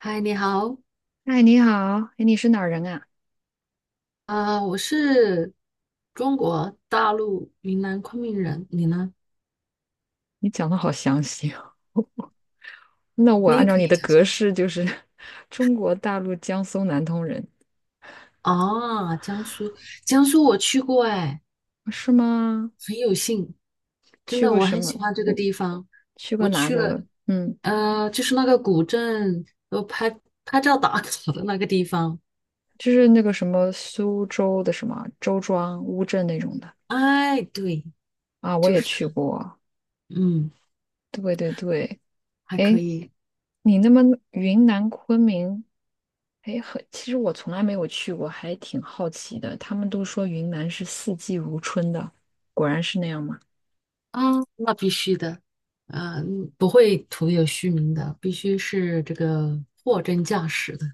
嗨，你好。嗨，你好，哎，你是哪儿人啊？我是中国大陆云南昆明人，你呢？你讲的好详细哦。那我你按也照可以你的讲江格苏。式就是 中国大陆江苏南通人，啊，江苏，江苏我去过。哎，是吗？很有幸，真去的，过我什很么？喜欢这个嗯，地方。去过我哪去了，个？嗯，就是那个古镇，我拍拍照打卡的那个地方。就是那个什么苏州的什么周庄、乌镇那种的哎，对，啊，我就也是去它。过。嗯，对对对，还可哎，以。你那么云南昆明，哎，很，其实我从来没有去过，还挺好奇的。他们都说云南是四季如春的，果然是那样吗？啊，那必须的。嗯，不会徒有虚名的，必须是这个货真价实的。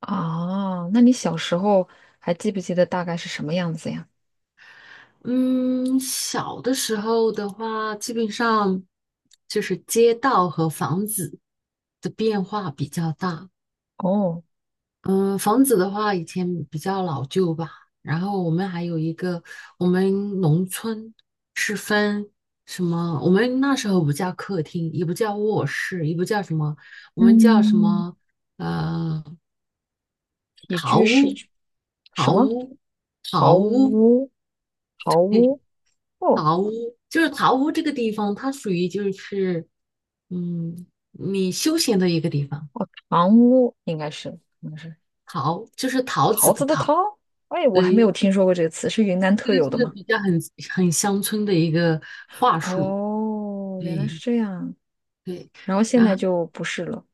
哦，那你小时候还记不记得大概是什么样子呀？嗯，小的时候的话，基本上就是街道和房子的变化比较大。哦，嗯，房子的话，以前比较老旧吧。然后我们还有一个，我们农村是分什么？我们那时候不叫客厅，也不叫卧室，也不叫什么，我们叫什嗯，么？呃，起桃居屋，室，什桃么屋，桃桃屋。屋、桃 屋，哦，桃屋就是桃屋这个地方，它属于就是，你休闲的一个地方。堂屋应该是，应该是桃就是桃子桃子的的桃。桃。哎，我还没对，有听说过这个词，是云南这特个有的是吗？比较很乡村的一个话术。哦，原来对是这样，对。然后现然在后就不是了。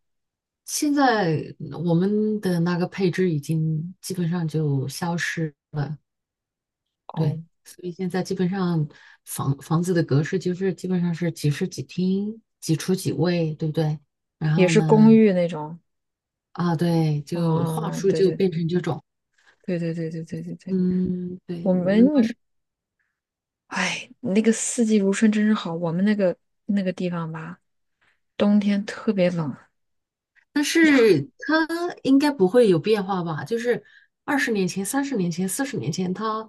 现在我们的那个配置已经基本上就消失了。对，哦，所以现在基本上房子的格式就是基本上是几室几厅、几厨几卫，对不对？然也后是公呢，寓那种。啊，对，就话哦，术对就对变成这种。对对对对对对对，嗯，对，我我们。们当时，哎，那个四季如春真是好。我们那个那个地方吧，冬天特别冷哎但呀，是它应该不会有变化吧？就是20年前、30年前、40年前，它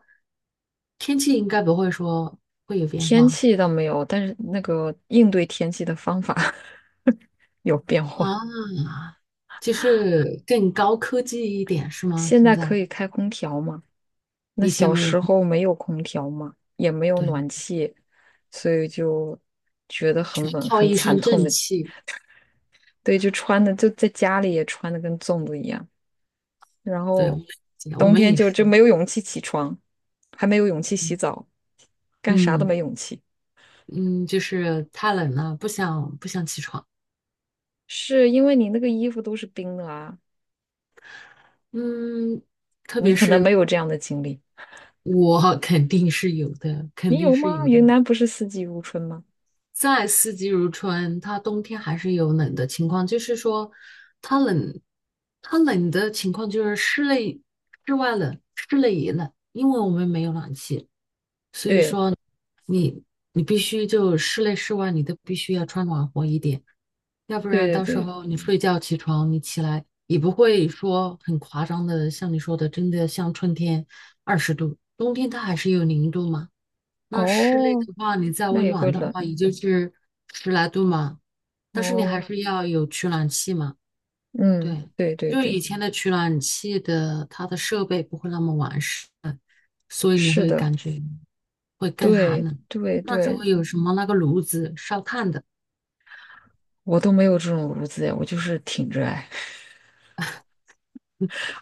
天气应该不会说会有变天化。气倒没有，但是那个应对天气的方法 有变化。啊，就是更高科技一点是吗？现现在可在以开空调嘛？那以前小没有，时候没有空调嘛，也没有对，暖气，所以就觉得全很冷，靠很一惨身痛正的。气。对，就穿的就在家里也穿的跟粽子一样。然对，我后们我冬们天也就是。没有勇气起床，还没有勇气洗嗯澡，干啥都嗯没勇气，嗯，就是太冷了，不想起床。是因为你那个衣服都是冰的啊，嗯，特你别可能是没有这样的经历，我 肯定是有的，你肯定有是吗？有的。云南不是四季如春吗？在四季如春，它冬天还是有冷的情况。就是说它冷，它冷的情况就是室内、室外冷，室内也冷，因为我们没有暖气，所以对说你你必须就室内、室外你都必须要穿暖和一点。要不对然对到时对，候你睡觉起床，你起来也不会说很夸张的，像你说的，真的像春天20度，冬天它还是有0度嘛。那室内哦，的话，你再那温也会暖的冷话，也就是十来度嘛。但是你还哦，是要有取暖器嘛。嗯，对，对对就以对，前的取暖器的它的设备不会那么完善，所以你是会的，感觉会更寒对冷。对那时候对，有什么那个炉子烧炭的，我都没有这种炉子，呀，我就是挺着哎，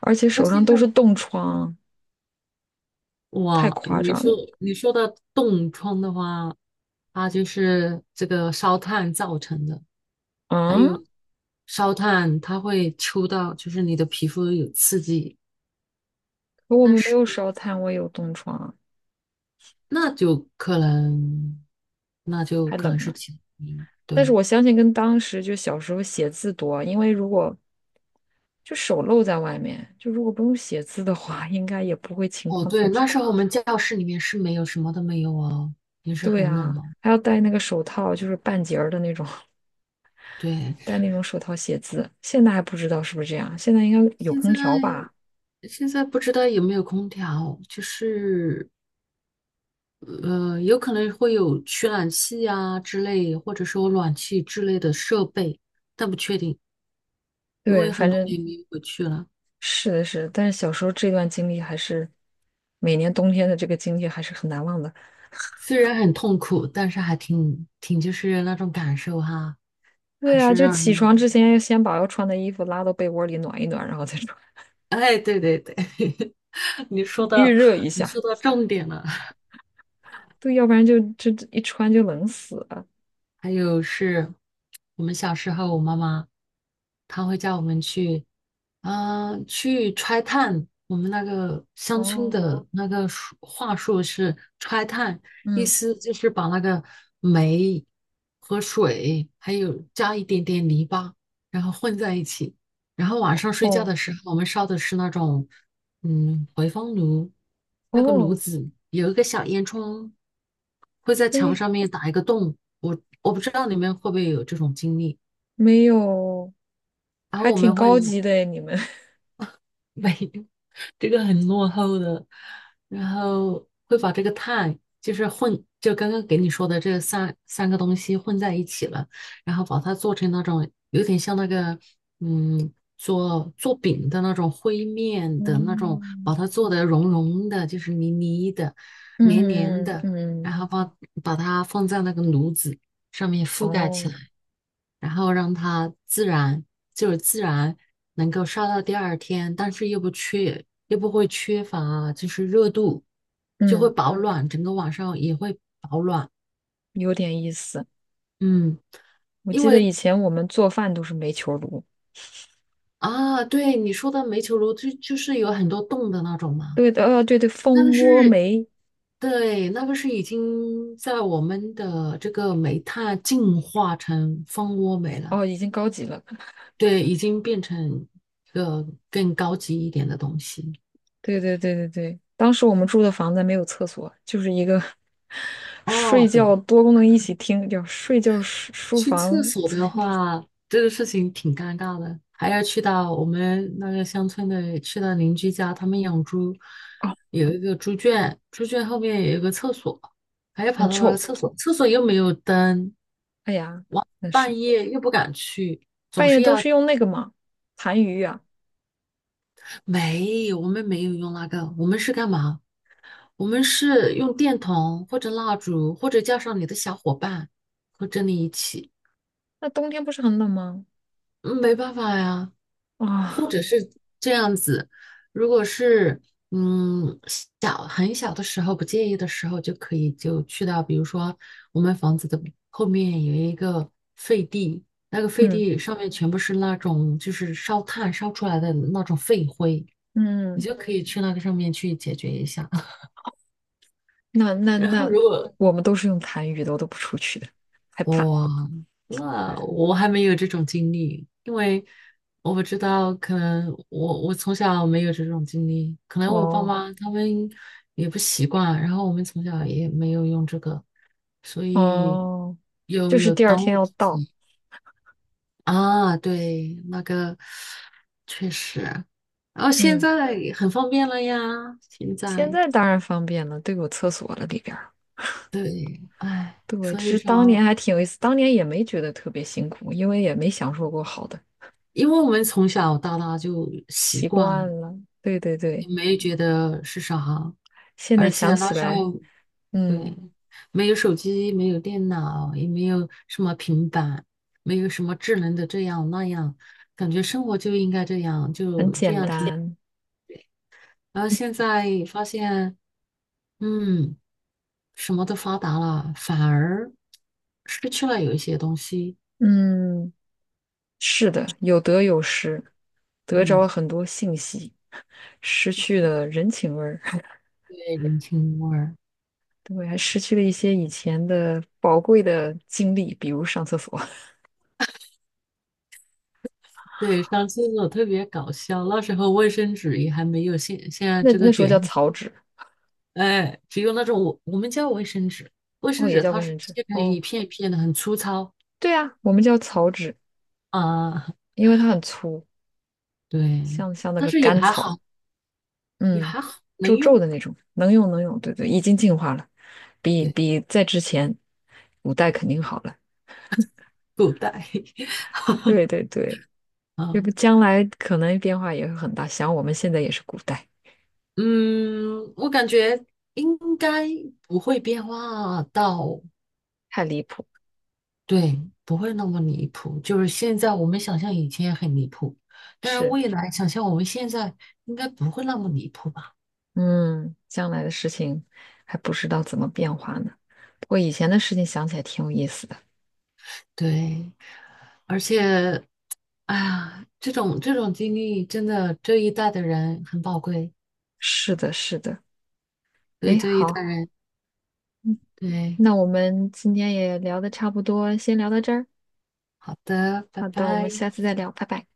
而且我手记上都得。是冻疮，太哇，夸你说张你说的冻疮的话，它就是这个烧炭造成的。嗯。啊烧炭它会抽到，就是你的皮肤有刺激。可我但们没是有烧炭，我也有冻疮啊那就可能，那就还可冷能是呢。其他原因但是对，我相信跟当时就小时候写字多，因为如果就手露在外面，就如果不用写字的话，应该也不会情哦况那对，么那时候我差。们教室里面是没有什么都没有哦，也是对很冷啊，哦。还要戴那个手套，就是半截儿的那种，对，戴那种手套写字。现在还不知道是不是这样，现在应该有现空在调吧？现在不知道有没有空调，就是有可能会有取暖器啊之类，或者说暖气之类的设备，但不确定，因对，为很反多正年没有回去了。是的是，但是小时候这段经历还是每年冬天的这个经历还是很难忘的。虽然很痛苦，但是还挺就是那种感受哈，还对啊，是就让起人。床之前要先把要穿的衣服拉到被窝里暖一暖，然后再穿，哎，对对对，你说 预到热一你下。说到重点了。对，要不然就这一穿就冷死了。还有是我们小时候，我妈妈她会叫我们去。去拆炭。我们那个乡村哦，的那个话术是拆炭，意嗯，思就是把那个煤和水，还有加一点点泥巴，然后混在一起。然后晚上睡觉哦，的时候，我们烧的是那种回风炉。那个炉哦，子有一个小烟囱，会在墙哎，上面打一个洞。我不知道你们会不会有这种经历。没有，然后还我挺们会。高级的诶你们。没有，这个很落后的，然后会把这个碳就是混，就刚刚给你说的这三个东西混在一起了，然后把它做成那种有点像那个做饼的那种灰面的那种，嗯把它做的融融的，就是泥泥的、黏黏嗯嗯的，然嗯，后把它放在那个炉子上面覆盖起哦，来，然后让它自然能够烧到第二天，但是又不会缺乏就是热度，就会嗯，保暖，整个晚上也会保暖。有点意思。嗯，我因记得以为前我们做饭都是煤球炉，啊，对你说的煤球炉就是有很多洞的那种嘛，对的，对对，那个蜂窝是。煤，对，那个是已经在我们的这个煤炭进化成蜂窝煤了。哦，已经高级了。对，已经变成一个更高级一点的东西。对对对对对，当时我们住的房子没有厕所，就是一个 睡哦，对，觉多功能一起厅，叫睡觉书去厕房，所的话，这个事情挺尴尬的，还要去到我们那个乡村的，去到邻居家，他们养猪，哦，有一个猪圈，猪圈后面有一个厕所，还要很跑到那个臭，厕所，厕所又没有灯，哎呀，那是半夜又不敢去。半夜都是用那个嘛，痰盂啊，没有，我们没有用那个，我们是干嘛？我们是用电筒或者蜡烛，或者叫上你的小伙伴，和着你一起。那冬天不是很冷吗？嗯，没办法呀。或啊、者是这样子，如果是嗯很小的时候不介意的时候，就可以就去到，比如说我们房子的后面有一个废地，那个废嗯地上面全部是那种就是烧炭烧出来的那种废灰，你嗯，就可以去那个上面去解决一下。那那然后那如果我们都是用痰盂的，我都不出去的，害怕。哇，那我还没有这种经历，因为我不知道，可能我从小没有这种经历，可能我爸哦妈他们也不习惯，然后我们从小也没有用这个，所以哦，有就是有第二当天务要之到，急啊，对，那个确实，然后现嗯，在很方便了呀。现现在在当然方便了，都有厕所了里边。对，哎，对，这所以是当年说，还挺有意思，当年也没觉得特别辛苦，因为也没享受过好的，因为我们从小到大就习习惯了。惯了。对对也对，没觉得是啥，现在而且想那起时来，候嗯，对，没有手机，没有电脑，也没有什么平板，没有什么智能的这样那样，感觉生活就应该这样，很就这简样挺 单，然后现在发现，嗯，什么都发达了，反而失去了有一些东西。嗯，是的，有得有失，得着嗯，了很多信息，失去了人情味儿，对，人情味儿。对，还失去了一些以前的宝贵的经历，比如上厕所，对，上厕所特别搞笑，那时候卫生纸也还没有现现 在那这那个时候卷 叫 草纸，哎，只有那种我们叫卫生纸，卫哦，生也纸叫它卫是生纸，切成哦，一片一片的，很粗糙。对啊，我们叫草纸，啊，因为它很粗，对，像那但个是也干还草。好，也嗯，还好能皱皱用。的那种，能用能用，对对，已经进化了，比对，比在之前古代肯定好了。够带 对对对，啊，要不将来可能变化也会很大，想我们现在也是古代，嗯，我感觉应该不会变化到，太离谱。对，不会那么离谱。就是现在我们想象以前也很离谱，但是是，未来想象我们现在应该不会那么离谱吧？嗯，将来的事情还不知道怎么变化呢。不过以前的事情想起来挺有意思的。对，而且哎呀，这种经历真的这一代的人很宝贵，是的，是的。所以哎，这一代好，人。对，那我们今天也聊的差不多，先聊到这儿。好的，拜好的，我们拜。下次再聊，拜拜。